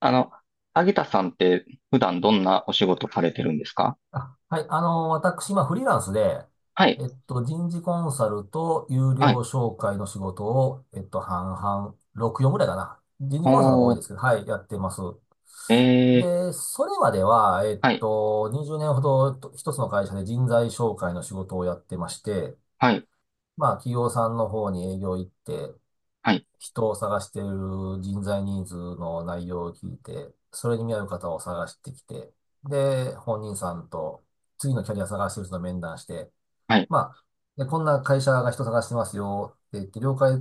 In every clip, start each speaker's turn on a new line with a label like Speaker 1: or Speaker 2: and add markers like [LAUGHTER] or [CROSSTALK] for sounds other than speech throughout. Speaker 1: あの、アゲタさんって普段どんなお仕事されてるんですか？
Speaker 2: あ、はい。私、今、フリーランスで、
Speaker 1: はい、
Speaker 2: 人事コンサルと有
Speaker 1: は
Speaker 2: 料
Speaker 1: い。
Speaker 2: 紹介の仕事を、半々、6、4ぐらいかな。人事コンサルの方が多
Speaker 1: お
Speaker 2: いで
Speaker 1: ー、
Speaker 2: すけど、はい、やってます。
Speaker 1: えー、
Speaker 2: で、それまでは、
Speaker 1: はい、
Speaker 2: 20年ほどと一つの会社で人材紹介の仕事をやってまして、
Speaker 1: はい、
Speaker 2: まあ、企業さんの方に営業行って、
Speaker 1: はい、
Speaker 2: 人を探している人材ニーズの内容を聞いて、それに見合う方を探してきて、で、本人さんと次のキャリア探してる人と面談して、
Speaker 1: はい、
Speaker 2: まあ、で、こんな会社が人探してますよって言って了解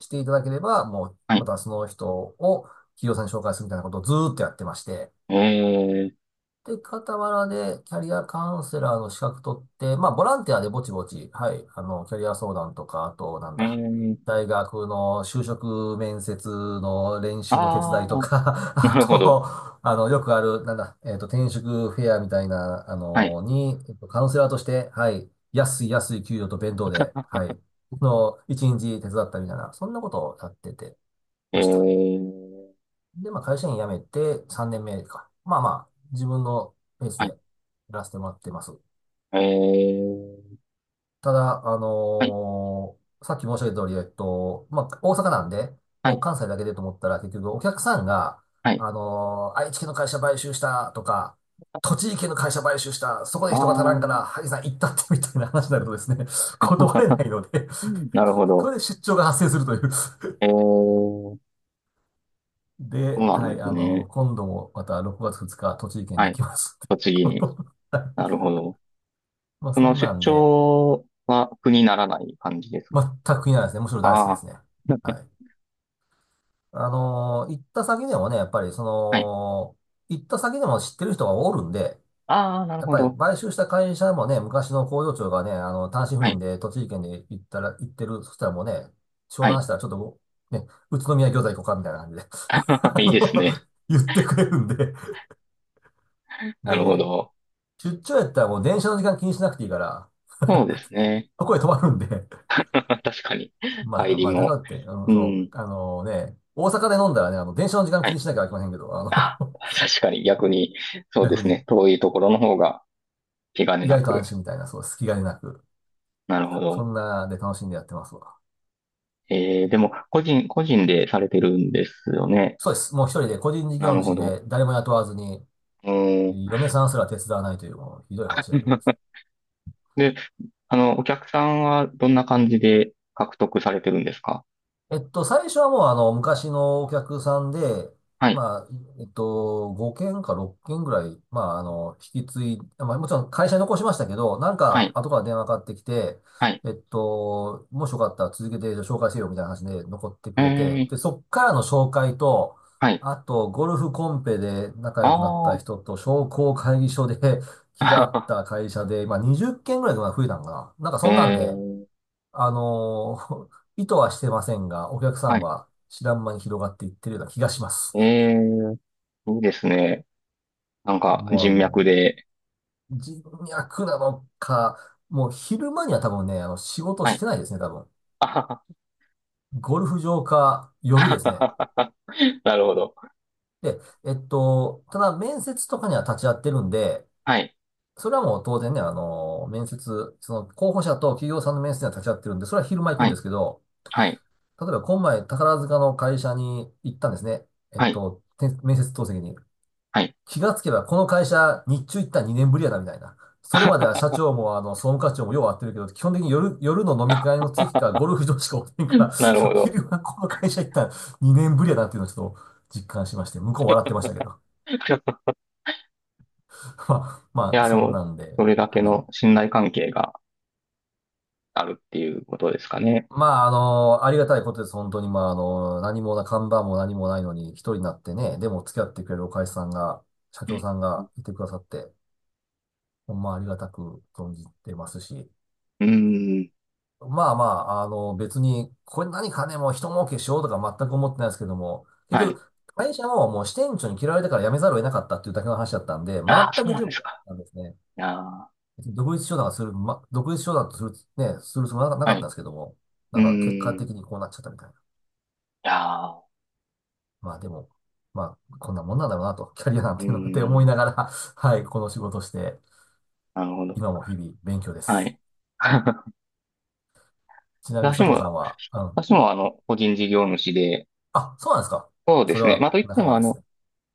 Speaker 2: していただければ、もう、
Speaker 1: は
Speaker 2: ま
Speaker 1: い。
Speaker 2: たその人を企業さんに紹介するみたいなことをずーっとやってまして、
Speaker 1: え
Speaker 2: で、傍らでキャリアカウンセラーの資格取って、まあ、ボランティアでぼちぼち、はい、キャリア相談とか、あと、なん
Speaker 1: ー、え
Speaker 2: だ、
Speaker 1: ー、
Speaker 2: 大学の就職面接の練習の手伝
Speaker 1: あ
Speaker 2: いと
Speaker 1: ー、
Speaker 2: か、[LAUGHS]
Speaker 1: な
Speaker 2: あ
Speaker 1: るほど。
Speaker 2: と、よくある、なんだ、えっと、転職フェアみたいな、
Speaker 1: はい、
Speaker 2: に、カウンセラーとして、はい、安い安い給料と弁当で、はい、の、一日手伝ったみたいな、そんなことをやっててま
Speaker 1: え
Speaker 2: した。
Speaker 1: ー、
Speaker 2: で、まあ、会社員辞めて3年目か。まあまあ、自分のペース
Speaker 1: は
Speaker 2: で
Speaker 1: い、
Speaker 2: やらせてもらってます。
Speaker 1: えー、
Speaker 2: ただ、
Speaker 1: はい、
Speaker 2: さっき申し上げた通り、まあ、大阪なんで、
Speaker 1: は
Speaker 2: もう
Speaker 1: い、
Speaker 2: 関西だけでと思ったら、結局お客さんが、
Speaker 1: はい。
Speaker 2: 愛知県の会社買収したとか、栃木県の会社買収した、そこで
Speaker 1: あ
Speaker 2: 人が足らんか
Speaker 1: ー、
Speaker 2: ら、萩さん行ったってみたいな話になるとですね、[LAUGHS] 断れないので、
Speaker 1: うん、なるほ
Speaker 2: そ
Speaker 1: ど。
Speaker 2: れで出張が発生するという
Speaker 1: えー、そう
Speaker 2: で、
Speaker 1: なん
Speaker 2: は
Speaker 1: で
Speaker 2: い、
Speaker 1: すね。
Speaker 2: 今度もまた6月2日、栃木県
Speaker 1: は
Speaker 2: に行
Speaker 1: い、
Speaker 2: きますって
Speaker 1: 栃木
Speaker 2: こ
Speaker 1: に。
Speaker 2: とで。[LAUGHS] は
Speaker 1: なる
Speaker 2: い、
Speaker 1: ほど。
Speaker 2: まあ、
Speaker 1: そ
Speaker 2: そ
Speaker 1: の
Speaker 2: んな
Speaker 1: 出
Speaker 2: んで、
Speaker 1: 張は苦にならない感じですか？
Speaker 2: 全くいならないですね。むしろ大好きで
Speaker 1: あ
Speaker 2: すね。
Speaker 1: ー、[LAUGHS]
Speaker 2: はい。行った先でもね、やっぱりそ
Speaker 1: はい。
Speaker 2: の、行った先でも知ってる人がおるんで、
Speaker 1: ああ、なる
Speaker 2: やっ
Speaker 1: ほ
Speaker 2: ぱり
Speaker 1: ど。
Speaker 2: 買収した会社もね、昔の工場長がね、単身赴
Speaker 1: は
Speaker 2: 任
Speaker 1: い。
Speaker 2: で栃木県で行ったら、行ってる、そしたらもうね、商
Speaker 1: はい。
Speaker 2: 談したらちょっともう、ね、宇都宮餃子行こうかみたいな感じで [LAUGHS]、
Speaker 1: [LAUGHS]
Speaker 2: あ
Speaker 1: いいです
Speaker 2: の
Speaker 1: ね。
Speaker 2: 言ってくれるんで、
Speaker 1: なるほ
Speaker 2: で、
Speaker 1: ど。
Speaker 2: 出張やったらもう電車の時間気にしなくていいから、
Speaker 1: そうですね。
Speaker 2: そこへ泊まるんで [LAUGHS]
Speaker 1: [LAUGHS] 確かに。
Speaker 2: ま
Speaker 1: 帰
Speaker 2: あ
Speaker 1: り
Speaker 2: まあ、だから
Speaker 1: も。
Speaker 2: って、うん、
Speaker 1: う
Speaker 2: そう、
Speaker 1: ん。
Speaker 2: 大阪で飲んだらね、電車の時間
Speaker 1: は
Speaker 2: 気
Speaker 1: い。
Speaker 2: にしなきゃいけませんけど、
Speaker 1: あ、確かに逆に、
Speaker 2: [LAUGHS]
Speaker 1: そうで
Speaker 2: 逆
Speaker 1: す
Speaker 2: に、
Speaker 1: ね。遠いところの方が気兼ね
Speaker 2: 意
Speaker 1: な
Speaker 2: 外と安
Speaker 1: く。
Speaker 2: 心みたいな、そう、隙がなく、
Speaker 1: なるほ
Speaker 2: そ
Speaker 1: ど。
Speaker 2: んなで楽しんでやってますわ。
Speaker 1: えー、でも、個人、個人でされてるんですよね。
Speaker 2: そうです。もう一人で個人事
Speaker 1: な
Speaker 2: 業
Speaker 1: るほ
Speaker 2: 主
Speaker 1: ど。
Speaker 2: で誰も雇わずに、
Speaker 1: うん。
Speaker 2: 嫁さんすら手伝わないという、もうひどい話だけどです
Speaker 1: [LAUGHS]
Speaker 2: ね。
Speaker 1: で、あの、お客さんはどんな感じで獲得されてるんですか？
Speaker 2: 最初はもう昔のお客さんで、
Speaker 1: はい。
Speaker 2: まあ、5件か6件ぐらい、まあ、あの、引き継い、まあ、もちろん会社に残しましたけど、なん
Speaker 1: は
Speaker 2: か
Speaker 1: い。
Speaker 2: 後から電話かかってきて、
Speaker 1: はい。
Speaker 2: もしよかったら続けて紹介せよみたいな話で残って
Speaker 1: え
Speaker 2: くれて、
Speaker 1: ー、
Speaker 2: で、そっからの紹介と、
Speaker 1: はい。
Speaker 2: あと、ゴルフコンペで仲良くなった
Speaker 1: あ
Speaker 2: 人と、商工会議所で [LAUGHS] 気が合っ
Speaker 1: あ。
Speaker 2: た会社で、まあ、20件ぐらいとか増えたのかな。なんか
Speaker 1: [LAUGHS] え
Speaker 2: そんなんで、
Speaker 1: ー、
Speaker 2: あのー [LAUGHS] 意図はしてませんが、お客さ
Speaker 1: は
Speaker 2: ん
Speaker 1: い。
Speaker 2: は知らん間に広がっていってるような気がします。
Speaker 1: えー、いいですね。なんか、
Speaker 2: もう
Speaker 1: 人脈で。
Speaker 2: 人脈なのか、もう昼間には多分ね、仕事
Speaker 1: は
Speaker 2: し
Speaker 1: い。
Speaker 2: てないですね、多分。
Speaker 1: [LAUGHS] あは
Speaker 2: ゴルフ場か夜で
Speaker 1: は
Speaker 2: す
Speaker 1: は
Speaker 2: ね。
Speaker 1: は、なるほど。
Speaker 2: で、ただ面接とかには立ち会ってるんで、
Speaker 1: はい。
Speaker 2: それはもう当然ね、あの面接、その候補者と企業さんの面接には立ち会ってるんで、それは昼間行く
Speaker 1: は
Speaker 2: んで
Speaker 1: い。
Speaker 2: すけど、
Speaker 1: はい。
Speaker 2: 例えば今前宝塚の会社に行ったんですね。
Speaker 1: はい。
Speaker 2: て面接当席に。
Speaker 1: はい。
Speaker 2: 気がつけばこの会社日中行ったら2年ぶりやなみたいな。それまでは社長もあの総務課長もよう会ってるけど、基本的に夜の飲
Speaker 1: [LAUGHS]
Speaker 2: み
Speaker 1: あ
Speaker 2: 会
Speaker 1: は
Speaker 2: の席
Speaker 1: は
Speaker 2: か
Speaker 1: は
Speaker 2: ゴルフ場しかおってんから、
Speaker 1: なるほ
Speaker 2: [LAUGHS]
Speaker 1: ど。
Speaker 2: 昼はこの会社行ったら2年ぶりやなっていうのをちょっと実感しまして、向こう笑ってましたけど。[LAUGHS] まあ、
Speaker 1: [LAUGHS] い
Speaker 2: まあ、
Speaker 1: や、で
Speaker 2: そん
Speaker 1: も、
Speaker 2: なんで、
Speaker 1: それだけ
Speaker 2: はい。
Speaker 1: の信頼関係があるっていうことですかね。
Speaker 2: まあ、ありがたいことです。本当に、まあ、あの、何もな、看板も何もないのに一人になってね、でも付き合ってくれるお会社さんが、社
Speaker 1: う
Speaker 2: 長
Speaker 1: ん、
Speaker 2: さんがいてくださって、ほんまありがたく存じてますし、
Speaker 1: うん。
Speaker 2: まあまあ、別に、これ何かね、もう一儲けしようとか全く思ってないですけども、結
Speaker 1: はい。
Speaker 2: 局、会社ももう支店長に嫌われたから辞めざるを得なかったっていうだけの話だったんで、
Speaker 1: ああ、
Speaker 2: 全
Speaker 1: そう
Speaker 2: く
Speaker 1: なん
Speaker 2: 準
Speaker 1: で
Speaker 2: 備
Speaker 1: す
Speaker 2: なかっ
Speaker 1: か。
Speaker 2: たんですね。
Speaker 1: いやー、
Speaker 2: 独立商談がする、ま、独立商談とする、ね、するつもりはな
Speaker 1: は
Speaker 2: かった
Speaker 1: い。
Speaker 2: んですけども、な
Speaker 1: う
Speaker 2: んか結果
Speaker 1: ん。い
Speaker 2: 的にこうなっちゃったみたいな。
Speaker 1: やー、
Speaker 2: まあでも、まあ、こんなもんなんだろうなと、キャリアなん
Speaker 1: う
Speaker 2: ていうのって思い
Speaker 1: ん。
Speaker 2: ながら、[LAUGHS] はい、この仕事をして、
Speaker 1: なるほど。
Speaker 2: 今も日々勉強で
Speaker 1: は
Speaker 2: す。
Speaker 1: い。[LAUGHS]
Speaker 2: ちなみに
Speaker 1: 私
Speaker 2: 佐藤さ
Speaker 1: も、
Speaker 2: んは、
Speaker 1: 私もあの、個人事業主で、
Speaker 2: あ、そうなんですか。
Speaker 1: そうで
Speaker 2: それ
Speaker 1: すね。
Speaker 2: は
Speaker 1: まあ、といって
Speaker 2: 仲
Speaker 1: も、
Speaker 2: 間
Speaker 1: あ
Speaker 2: です
Speaker 1: の、
Speaker 2: ね。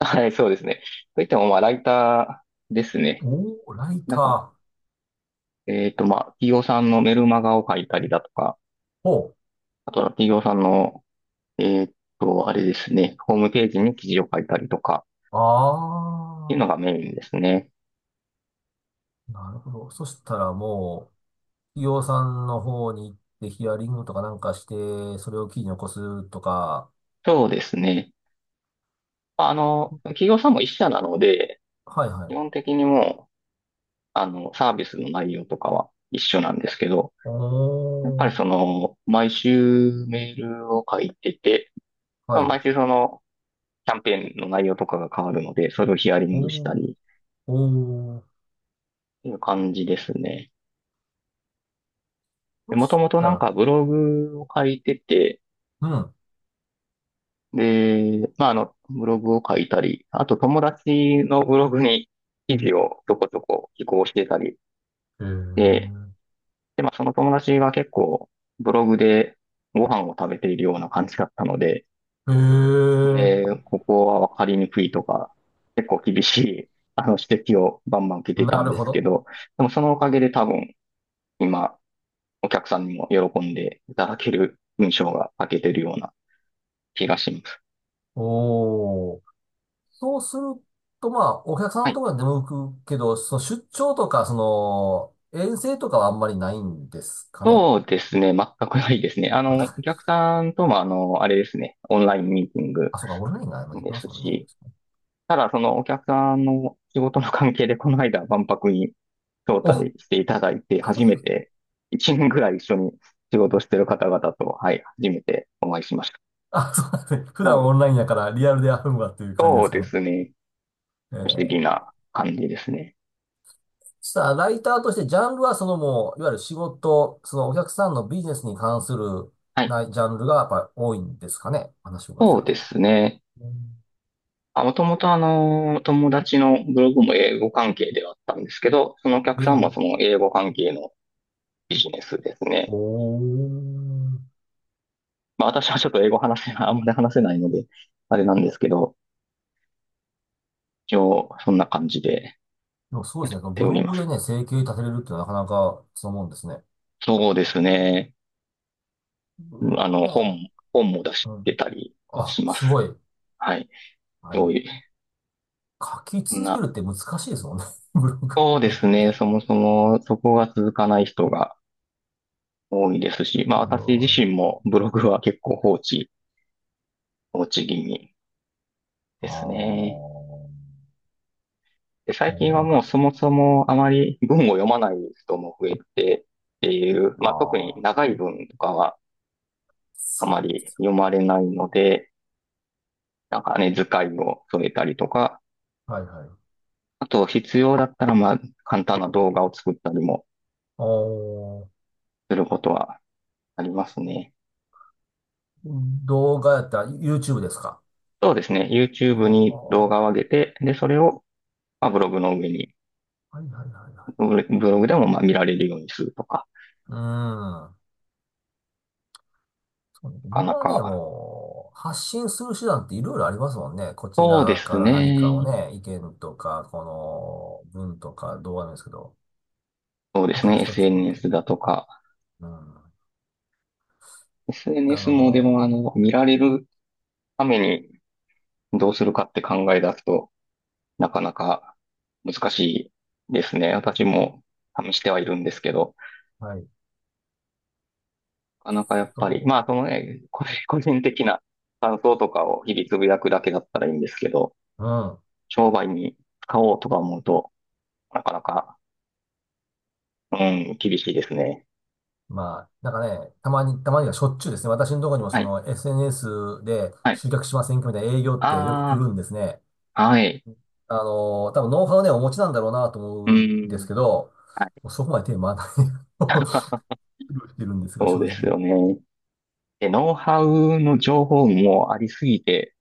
Speaker 1: [LAUGHS] はい、そうですね。といっても、まあ、ライターですね。
Speaker 2: おー、ライ
Speaker 1: なんか、
Speaker 2: ター。
Speaker 1: まあ、企業さんのメルマガを書いたりだとか、
Speaker 2: ほ
Speaker 1: あとは企業さんの、えっあれですね、ホームページに記事を書いたりとか、
Speaker 2: う。
Speaker 1: っていう
Speaker 2: あ
Speaker 1: のがメインですね。
Speaker 2: あ、なるほど。そしたらもう、企業さんの方に行ってヒアリングとかなんかして、それを記事に起こすとか。
Speaker 1: そうですね。まああの、企業さんも一社なので、
Speaker 2: はいは
Speaker 1: 基
Speaker 2: い。
Speaker 1: 本的にもう、あの、サービスの内容とかは一緒なんですけど、
Speaker 2: お
Speaker 1: やっぱり
Speaker 2: ー、
Speaker 1: その、毎週メールを書いてて、
Speaker 2: は
Speaker 1: まあ、
Speaker 2: い。
Speaker 1: 毎週その、キャンペーンの内容とかが変わるので、それをヒアリングした
Speaker 2: おー、
Speaker 1: りっ
Speaker 2: おー。
Speaker 1: ていう感じですね。で、
Speaker 2: そ
Speaker 1: もと
Speaker 2: し
Speaker 1: もと
Speaker 2: た
Speaker 1: なん
Speaker 2: ら、
Speaker 1: かブログを書いてて、で、まあ、あの、ブログを書いたり、あと友達のブログに記事をちょこちょこ寄稿してたり
Speaker 2: う
Speaker 1: で、
Speaker 2: ん。へ
Speaker 1: で、まあ、その友達は結構ブログでご飯を食べているような感じだったので、
Speaker 2: え。へえ。
Speaker 1: で、ここは分かりにくいとか、結構厳しい、あの、指摘をバンバン受けてた
Speaker 2: な
Speaker 1: ん
Speaker 2: る
Speaker 1: で
Speaker 2: ほ
Speaker 1: すけ
Speaker 2: ど。
Speaker 1: ど、でもそのおかげで多分今、お客さんにも喜んでいただける文章が書けてるような気がします。
Speaker 2: おー。そうすると、まあ、お客さん
Speaker 1: は
Speaker 2: の
Speaker 1: い。
Speaker 2: ところには出向くけど、その出張とか、その、遠征とかはあんまりないんですかね。
Speaker 1: そうですね。全くないですね。あの、お
Speaker 2: あ、
Speaker 1: 客さんとも、あの、あれですね。オンラインミーティング
Speaker 2: あそうか、オンラインが今でき
Speaker 1: で
Speaker 2: ま
Speaker 1: す
Speaker 2: すもんね。
Speaker 1: し、ただ、そのお客さんの仕事の関係で、この間、万博に招
Speaker 2: お、
Speaker 1: 待していただいて、初めて、1年ぐらい一緒に仕事してる方々と、はい、初めてお会いしまし
Speaker 2: あ、そうなんですね。普
Speaker 1: た。は
Speaker 2: 段
Speaker 1: い。
Speaker 2: オンラインやからリアルであるのわっていう感じで
Speaker 1: そう
Speaker 2: すか
Speaker 1: で
Speaker 2: ね。
Speaker 1: すね。
Speaker 2: え
Speaker 1: 不思
Speaker 2: ー、
Speaker 1: 議な感じですね。
Speaker 2: さあライターとしてジャンルはそのもう、いわゆる仕事、そのお客さんのビジネスに関する
Speaker 1: はい。
Speaker 2: なジャンルがやっぱり多いんですかね。話を伺わ
Speaker 1: そ
Speaker 2: せ
Speaker 1: う
Speaker 2: る
Speaker 1: で
Speaker 2: と。
Speaker 1: すね。
Speaker 2: うん、
Speaker 1: あ、もともとあの、友達のブログも英語関係ではあったんですけど、そのお客さ
Speaker 2: 英
Speaker 1: んも
Speaker 2: 語。
Speaker 1: その英語関係のビジネスですね。
Speaker 2: おー。
Speaker 1: まあ私はちょっと英語話せない、あんまり話せないので、あれなんですけど、一応そんな感じで
Speaker 2: でもそうで
Speaker 1: やっ
Speaker 2: すね。
Speaker 1: て
Speaker 2: ブ
Speaker 1: お
Speaker 2: ロ
Speaker 1: りま
Speaker 2: グで
Speaker 1: す。
Speaker 2: ね、生計立てれるってのはなかなかそう思うんですね。
Speaker 1: そうですね。
Speaker 2: ブ
Speaker 1: うん、
Speaker 2: ロ
Speaker 1: あ
Speaker 2: グ
Speaker 1: の、
Speaker 2: ね。
Speaker 1: 本も出し
Speaker 2: うん。
Speaker 1: てたり
Speaker 2: あ、
Speaker 1: しま
Speaker 2: す
Speaker 1: す。
Speaker 2: ごい。
Speaker 1: はい。
Speaker 2: あ
Speaker 1: そ
Speaker 2: れ、
Speaker 1: ういう、
Speaker 2: 書き
Speaker 1: そん
Speaker 2: 続ける
Speaker 1: な。
Speaker 2: って難しいですもんね。[LAUGHS] ブログ
Speaker 1: そうで
Speaker 2: ね。
Speaker 1: すね。そもそもそこが続かない人が多いですし、まあ
Speaker 2: す
Speaker 1: 私自
Speaker 2: ご
Speaker 1: 身
Speaker 2: い。
Speaker 1: もブログは結構放置、放置気味
Speaker 2: あ
Speaker 1: です
Speaker 2: あ。
Speaker 1: ね。で、
Speaker 2: い
Speaker 1: 最
Speaker 2: やでも
Speaker 1: 近は
Speaker 2: なん
Speaker 1: もう
Speaker 2: か、
Speaker 1: そもそもあまり文を読まない人も増えてっていう、
Speaker 2: あ
Speaker 1: まあ特に
Speaker 2: あ。
Speaker 1: 長い文とかはあま
Speaker 2: そ
Speaker 1: り読まれないので、なんかね、図解を添えたりとか、
Speaker 2: う。はいはい。
Speaker 1: あと必要だったらまあ簡単な動画を作ったりも
Speaker 2: ああ。
Speaker 1: することはありますね。
Speaker 2: 動画やったら YouTube ですか。
Speaker 1: そうですね。
Speaker 2: あ
Speaker 1: YouTube
Speaker 2: あ。
Speaker 1: に動画
Speaker 2: は
Speaker 1: を上げて、で、それをまあブログの上に、
Speaker 2: いはいはいはい。
Speaker 1: ブロブログでもまあ見られるようにするとか、
Speaker 2: うん。
Speaker 1: なか
Speaker 2: 今
Speaker 1: な
Speaker 2: はね、
Speaker 1: か、
Speaker 2: もう、発信する手段っていろいろありますもんね。こち
Speaker 1: そうで
Speaker 2: ら
Speaker 1: す
Speaker 2: から何かを
Speaker 1: ね。
Speaker 2: ね、意見とか、この文とか動画なんですけど、
Speaker 1: そうですね。
Speaker 2: 昔と違って。
Speaker 1: SNS だとか、
Speaker 2: うん。あ
Speaker 1: SNS もで
Speaker 2: の、
Speaker 1: も、あの、見られるためにどうするかって考え出すと、なかなか難しいですね。私も試してはいるんですけど、
Speaker 2: はい。
Speaker 1: なかなかやっぱ
Speaker 2: と、
Speaker 1: り、まあ、そのね、個人的な感想とかを日々つぶやくだけだったらいいんですけど、
Speaker 2: うん。
Speaker 1: 商売に使おうとか思うと、なかなか、うん、厳しいですね。
Speaker 2: まあ、なんかね、たまにはしょっちゅうですね。私のところにも
Speaker 1: は
Speaker 2: そ
Speaker 1: い、
Speaker 2: の SNS で
Speaker 1: はい。
Speaker 2: 集客しませんかみたいな営業ってよく来
Speaker 1: あ
Speaker 2: るんですね。
Speaker 1: あ、はい。
Speaker 2: 多分ノウハウね、お持ちなんだろうなと
Speaker 1: う
Speaker 2: 思うんです
Speaker 1: ん、
Speaker 2: けど、
Speaker 1: はい。
Speaker 2: そこまで手回らない。[LAUGHS] 苦労してるんですが、
Speaker 1: そう
Speaker 2: 正
Speaker 1: です
Speaker 2: 直。
Speaker 1: よね。で、ノウハウの情報もありすぎて、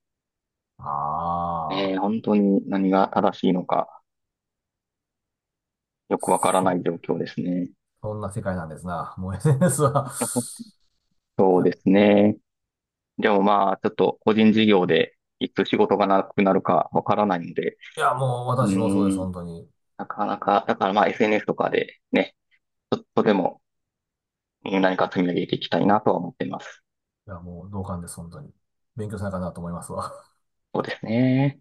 Speaker 1: えー、
Speaker 2: ああ、
Speaker 1: 本当に何が正しいのかよくわからない
Speaker 2: そ、
Speaker 1: 状況ですね。
Speaker 2: そんな世界なんですな。もう SNS は、
Speaker 1: [LAUGHS]
Speaker 2: い
Speaker 1: そう
Speaker 2: や、
Speaker 1: ですね。でもまあ、ちょっと個人事業でいつ仕事がなくなるかわからないので、
Speaker 2: いや、もう
Speaker 1: う
Speaker 2: 私もそうです、
Speaker 1: ーん、
Speaker 2: 本当に。い
Speaker 1: なかなか、だからまあ SNS とかでね、ちょっとでも、うん、何か積み上げていきたいなとは思ってます。
Speaker 2: や、もう同感です、本当に。勉強しなあかんなと思いますわ。
Speaker 1: そうですね。